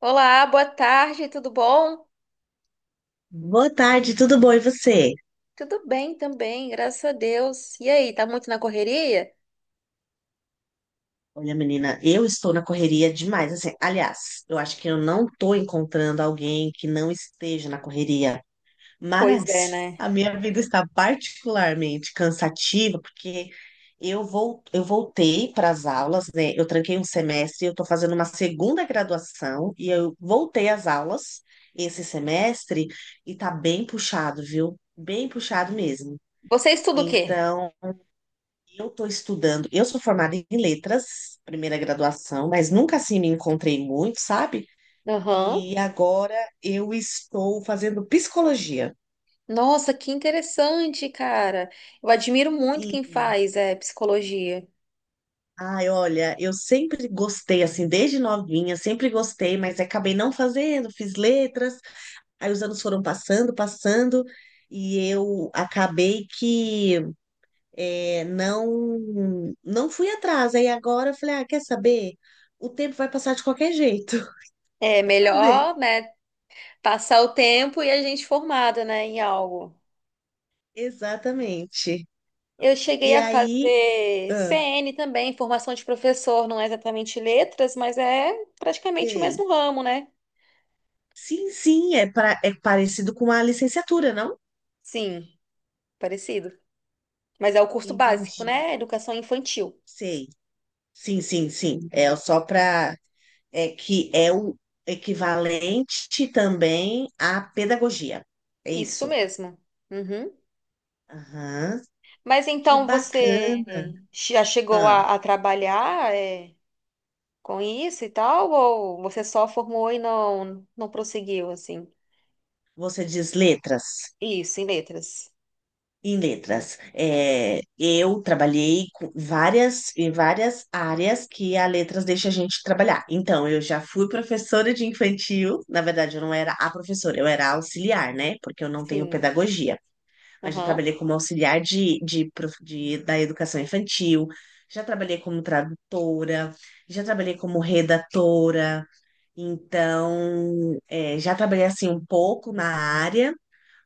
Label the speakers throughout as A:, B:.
A: Olá, boa tarde, tudo bom?
B: Boa tarde, tudo bom e você?
A: Tudo bem também, graças a Deus. E aí, tá muito na correria?
B: Olha, menina, eu estou na correria demais. Assim, aliás, eu acho que eu não estou encontrando alguém que não esteja na correria,
A: Pois é,
B: mas
A: né?
B: a minha vida está particularmente cansativa porque eu voltei para as aulas, né? Eu tranquei um semestre, eu estou fazendo uma segunda graduação e eu voltei às aulas esse semestre e tá bem puxado, viu? Bem puxado mesmo.
A: Você estuda o quê?
B: Então, eu estou estudando. Eu sou formada em letras, primeira graduação, mas nunca assim me encontrei muito, sabe?
A: Aham.
B: E agora eu estou fazendo psicologia.
A: Nossa, que interessante, cara. Eu admiro muito quem
B: Sim.
A: faz psicologia.
B: Ai, olha, eu sempre gostei, assim, desde novinha, sempre gostei, mas acabei não fazendo, fiz letras, aí os anos foram passando, passando, e eu acabei que não fui atrás. Aí agora eu falei, ah, quer saber? O tempo vai passar de qualquer jeito. Vou
A: É melhor,
B: fazer.
A: né, passar o tempo e a gente formada, né, em algo.
B: Exatamente.
A: Eu cheguei
B: E
A: a
B: aí,
A: fazer
B: ah,
A: CN também, formação de professor, não é exatamente letras, mas é praticamente o
B: sei.
A: mesmo ramo, né?
B: Sim, sim, é parecido com a licenciatura, não?
A: Sim, parecido. Mas é o curso básico,
B: Entendi.
A: né? Educação infantil.
B: Sei. Sim, sim, sim. É só para. É que é o equivalente também à pedagogia. É
A: Isso
B: isso.
A: mesmo. Uhum.
B: Aham.
A: Mas
B: Que
A: então
B: bacana.
A: você já chegou
B: Ah,
A: a trabalhar com isso e tal? Ou você só formou e não prosseguiu, assim?
B: você diz letras?
A: Isso, em letras.
B: Em letras. É, eu trabalhei com várias, em várias áreas que a letras deixa a gente trabalhar. Então, eu já fui professora de infantil. Na verdade, eu não era a professora, eu era auxiliar, né? Porque eu não tenho
A: Sim.
B: pedagogia. Mas já
A: Aham.
B: trabalhei como auxiliar da educação infantil. Já trabalhei como tradutora, já trabalhei como redatora, então já trabalhei assim um pouco na área,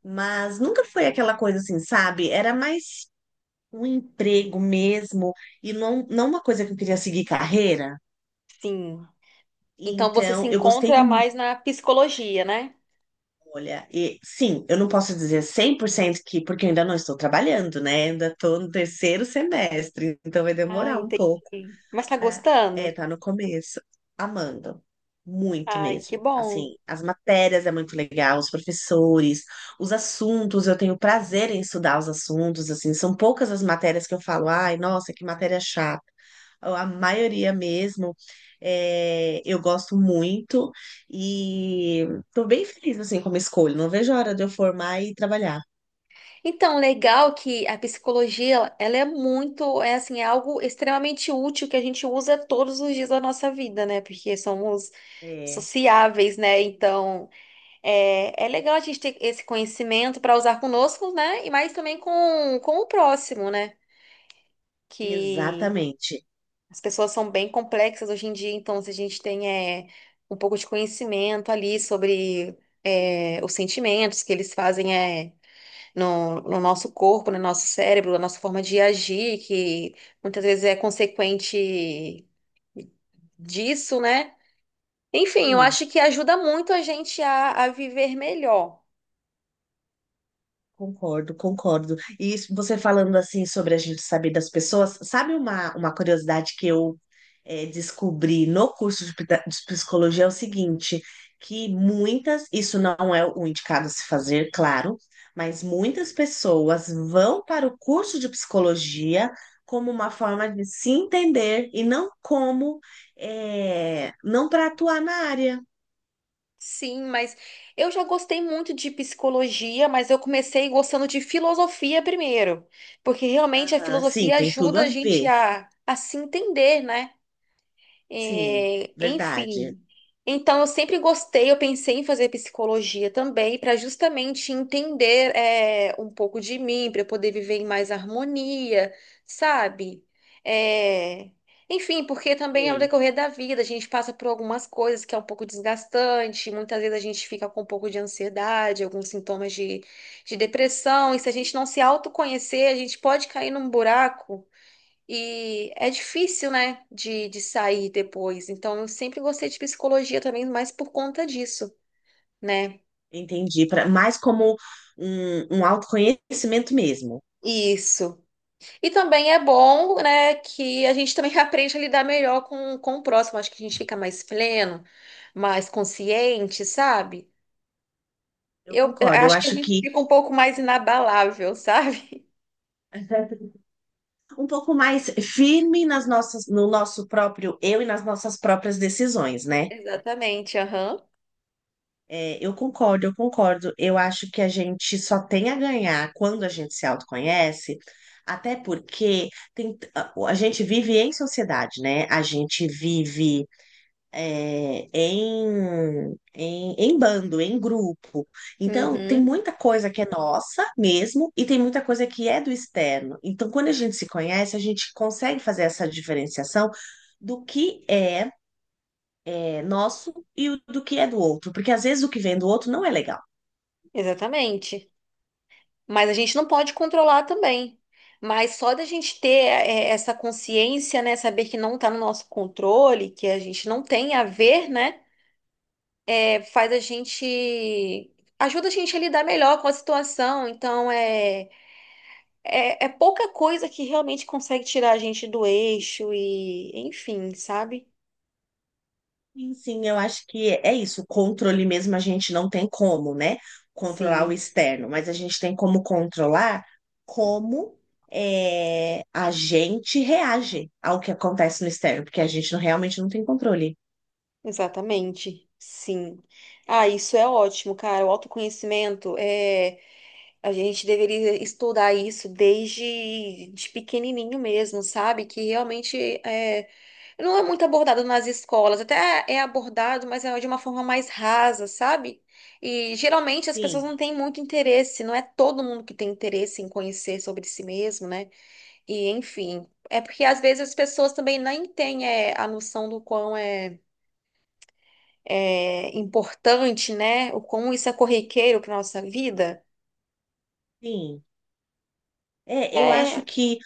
B: mas nunca foi aquela coisa assim, sabe? Era mais um emprego mesmo, e não uma coisa que eu queria seguir carreira.
A: Sim. Então você se
B: Então, eu gostei
A: encontra
B: muito.
A: mais na psicologia, né?
B: Olha, e sim, eu não posso dizer 100% que, porque eu ainda não estou trabalhando, né? Ainda estou no terceiro semestre, então vai
A: Ah,
B: demorar um pouco.
A: entendi. Mas tá
B: pra- É,
A: gostando?
B: tá no começo. Amando. Muito
A: Ai, que
B: mesmo.
A: bom.
B: Assim, as matérias é muito legal, os professores, os assuntos, eu tenho prazer em estudar os assuntos, assim, são poucas as matérias que eu falo, ai, nossa, que matéria chata. A maioria mesmo, eu gosto muito e tô bem feliz, assim, com a minha escolha. Não vejo a hora de eu formar e trabalhar.
A: Então, legal que a psicologia, ela é muito, é assim, é algo extremamente útil que a gente usa todos os dias da nossa vida, né? Porque somos
B: É,
A: sociáveis, né? Então, é legal a gente ter esse conhecimento para usar conosco, né? E mais também com o próximo, né? Que
B: exatamente.
A: as pessoas são bem complexas hoje em dia, então se a gente tem é, um pouco de conhecimento ali sobre os sentimentos que eles fazem, é no nosso corpo, no nosso cérebro, na nossa forma de agir, que muitas vezes é consequente disso, né? Enfim, eu
B: Sim.
A: acho que ajuda muito a gente a viver melhor.
B: Concordo, concordo. E isso- você falando assim sobre a gente saber das pessoas, sabe uma curiosidade que eu descobri no curso de, de psicologia é o seguinte, que muitas, isso não é o indicado a se fazer, claro, mas muitas pessoas vão para o curso de psicologia como uma forma de se entender e não como, não para atuar na área.
A: Sim, mas eu já gostei muito de psicologia, mas eu comecei gostando de filosofia primeiro, porque realmente a
B: Aham, sim,
A: filosofia
B: tem tudo
A: ajuda
B: a
A: a gente
B: ver.
A: a se entender, né?
B: Sim,
A: É,
B: verdade.
A: enfim. Então, eu sempre gostei, eu pensei em fazer psicologia também, para justamente entender um pouco de mim, para eu poder viver em mais harmonia, sabe? É, enfim, porque também é o
B: Sim.
A: decorrer da vida, a gente passa por algumas coisas que é um pouco desgastante, muitas vezes a gente fica com um pouco de ansiedade, alguns sintomas de depressão, e se a gente não se autoconhecer, a gente pode cair num buraco. E é difícil, né, de sair depois. Então, eu sempre gostei de psicologia também, mais por conta disso, né?
B: Entendi, pra, mais como um autoconhecimento mesmo.
A: Isso. E também é bom, né, que a gente também aprende a lidar melhor com o próximo. Acho que a gente fica mais pleno, mais consciente, sabe?
B: Eu
A: Eu
B: concordo, eu
A: acho que a
B: acho
A: gente
B: que
A: fica um pouco mais inabalável, sabe?
B: um pouco mais firme nas nossas, no nosso próprio eu e nas nossas próprias decisões, né?
A: Exatamente, aham.
B: É, eu concordo, eu concordo. Eu acho que a gente só tem a ganhar quando a gente se autoconhece, até porque a gente vive em sociedade, né? A gente vive em bando, em grupo. Então, tem
A: Uhum,
B: muita coisa que é nossa mesmo e tem muita coisa que é do externo. Então, quando a gente se conhece, a gente consegue fazer essa diferenciação do que é, nosso e do que é do outro, porque às vezes o que vem do outro não é legal.
A: exatamente. Mas a gente não pode controlar também. Mas só da gente ter essa consciência, né, saber que não está no nosso controle, que a gente não tem a ver, né, faz a gente ajuda a gente a lidar melhor com a situação. Então é é pouca coisa que realmente consegue tirar a gente do eixo e, enfim, sabe?
B: Sim, sim, eu acho que é isso. O controle mesmo a gente não tem como, né? Controlar o
A: Sim,
B: externo, mas a gente tem como controlar como a gente reage ao que acontece no externo, porque a gente não- realmente não tem controle.
A: exatamente. Sim. Ah, isso é ótimo, cara. O autoconhecimento é a gente deveria estudar isso desde de pequenininho mesmo, sabe? Que realmente é, não é muito abordado nas escolas, até é abordado, mas é de uma forma mais rasa, sabe? E geralmente as pessoas
B: Sim,
A: não têm muito interesse, não é todo mundo que tem interesse em conhecer sobre si mesmo, né? E enfim, é porque às vezes as pessoas também nem têm a noção do quão é importante, né? O quão isso é corriqueiro para nossa vida.
B: sim. É, eu acho
A: É.
B: que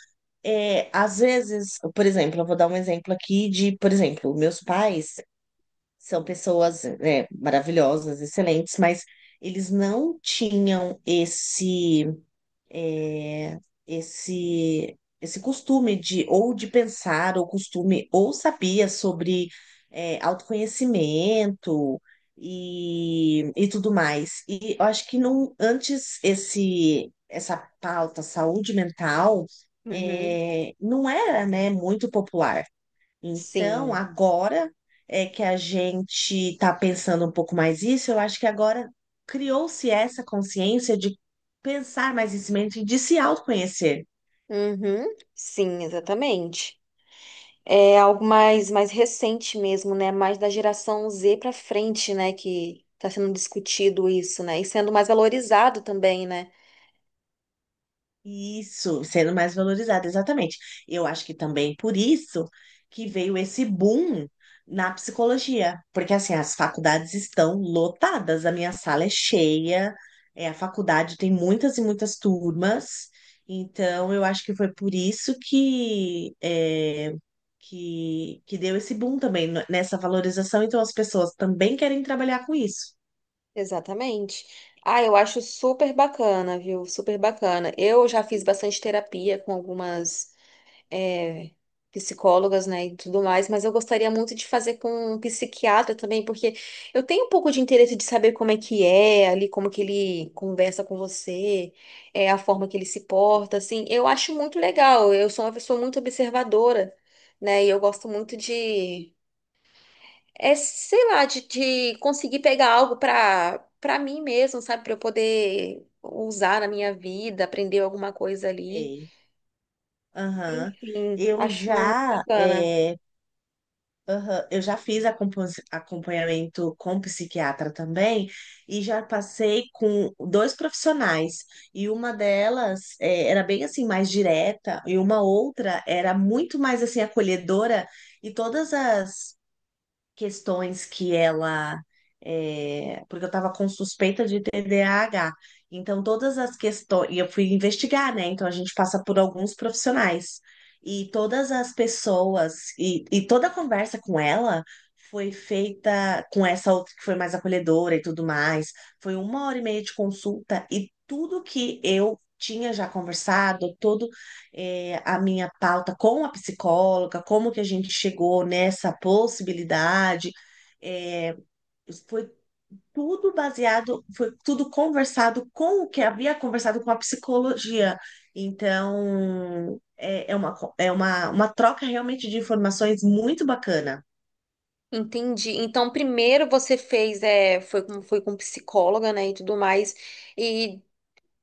B: às vezes, por exemplo, eu vou dar um exemplo aqui de, por exemplo, meus pais são pessoas, né, maravilhosas, excelentes, mas eles não tinham esse. é, esse costume de ou de pensar ou costume ou sabia sobre autoconhecimento e tudo mais. E eu acho que não antes esse essa pauta saúde mental
A: Uhum.
B: não era, né, muito popular. Então,
A: Sim.
B: agora é que a gente está pensando um pouco mais isso, eu acho que agora criou-se essa consciência de pensar mais nesse momento e de se autoconhecer.
A: Uhum. Sim, exatamente. É algo mais, mais recente mesmo, né? Mais da geração Z para frente, né? Que está sendo discutido isso, né? E sendo mais valorizado também, né?
B: Isso, sendo mais valorizada, exatamente. Eu acho que também por isso que veio esse boom na psicologia, porque assim, as faculdades estão lotadas, a minha sala é cheia, a faculdade tem muitas e muitas turmas, então eu acho que foi por isso que, que deu esse boom também nessa valorização, então as pessoas também querem trabalhar com isso.
A: Exatamente. Ah, eu acho super bacana, viu? Super bacana. Eu já fiz bastante terapia com algumas. é, Psicólogas, né, e tudo mais, mas eu gostaria muito de fazer com um psiquiatra também, porque eu tenho um pouco de interesse de saber como é que é ali, como que ele conversa com você, a forma que ele se porta, assim, eu acho muito legal, eu sou uma pessoa muito observadora, né, e eu gosto muito sei lá, de conseguir pegar algo pra mim mesmo, sabe, pra eu poder... Usar na minha vida, aprender alguma coisa ali.
B: Sei. Aham.
A: Enfim,
B: Eu
A: acho muito
B: já
A: bacana.
B: é, Aham, eu já fiz acompanhamento com psiquiatra também e já passei com dois profissionais. E uma delas era bem assim mais direta e uma outra era muito mais assim acolhedora e todas as questões que ela. Porque eu estava com suspeita de TDAH. Então, todas as questões. E eu fui investigar, né? Então, a gente passa por alguns profissionais. E todas as pessoas. E toda a conversa com ela foi feita com essa outra que foi mais acolhedora e tudo mais. Foi uma hora e meia de consulta. E tudo que eu tinha já conversado, a minha pauta com a psicóloga, como que a gente chegou nessa possibilidade. É, foi tudo baseado, foi tudo conversado com o que havia conversado com a psicologia. Então, é uma troca realmente de informações muito bacana.
A: Entendi. Então, primeiro você fez, é, foi foi com psicóloga, né, e tudo mais, e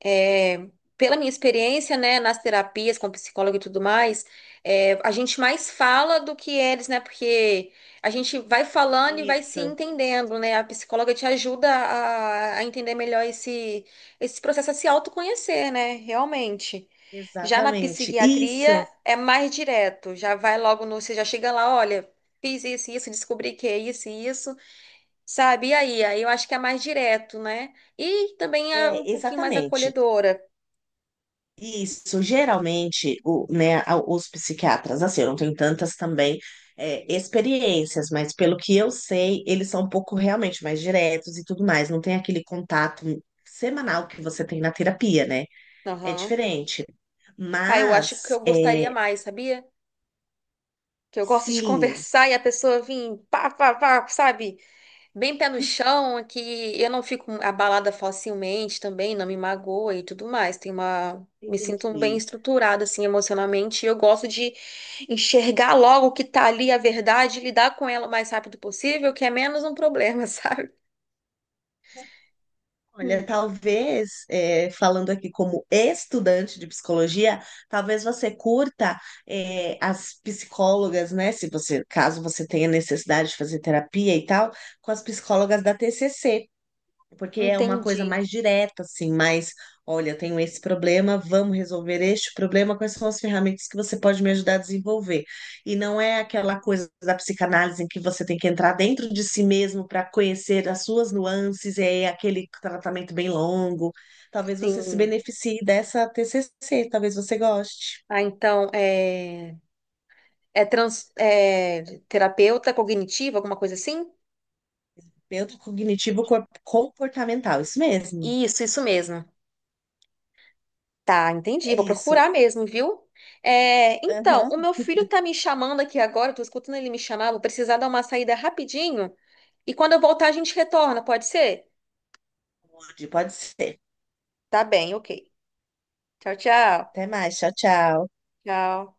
A: é, pela minha experiência, né, nas terapias com psicólogo e tudo mais, a gente mais fala do que eles, né, porque a gente vai falando e vai se
B: Isso,
A: entendendo, né, a psicóloga te ajuda a entender melhor esse processo, a se autoconhecer, né, realmente. Já na
B: exatamente.
A: psiquiatria
B: Isso,
A: é mais direto, já vai logo no, você já chega lá, olha, fiz isso, isso, descobri que é isso e isso, sabe? E aí, aí eu acho que é mais direto, né? E também é um
B: é,
A: pouquinho mais
B: exatamente.
A: acolhedora.
B: Isso, geralmente, né, os psiquiatras, assim, eu não tenho tantas também experiências, mas pelo que eu sei, eles são um pouco realmente mais diretos e tudo mais, não tem aquele contato semanal que você tem na terapia, né? É
A: Aham.
B: diferente.
A: Ah, eu acho que eu
B: Mas, é,
A: gostaria mais, sabia? Que eu gosto de
B: sim,
A: conversar e a pessoa vir pá, pá, pá, sabe? Bem pé no chão, que eu não fico abalada facilmente também, não me magoa e tudo mais. Tem uma. Me sinto bem
B: entendi.
A: estruturada, assim, emocionalmente. E eu gosto de enxergar logo o que tá ali, a verdade, e lidar com ela o mais rápido possível, que é menos um problema, sabe?
B: Olha, talvez, falando aqui como estudante de psicologia, talvez você curta, as psicólogas, né? Se você, caso você tenha necessidade de fazer terapia e tal, com as psicólogas da TCC. Porque é uma coisa
A: Entendi.
B: mais direta, assim, mais, olha, eu tenho esse problema, vamos resolver este problema, quais são as ferramentas que você pode me ajudar a desenvolver? E não é aquela coisa da psicanálise em que você tem que entrar dentro de si mesmo para conhecer as suas nuances, e é aquele tratamento bem longo. Talvez você se
A: Sim.
B: beneficie dessa TCC, talvez você goste.
A: Ah, então, é. É terapeuta cognitiva, alguma coisa assim?
B: Terapeuta cognitivo comportamental, isso mesmo.
A: Isso mesmo. Tá, entendi.
B: É
A: Vou
B: isso.
A: procurar mesmo, viu? É, então, o
B: Aham.
A: meu filho tá me chamando aqui agora, eu tô escutando ele me chamar, vou precisar dar uma saída rapidinho. E quando eu voltar, a gente retorna, pode ser?
B: Pode, pode ser.
A: Tá bem, ok. Tchau, tchau.
B: Até mais, tchau, tchau.
A: Tchau.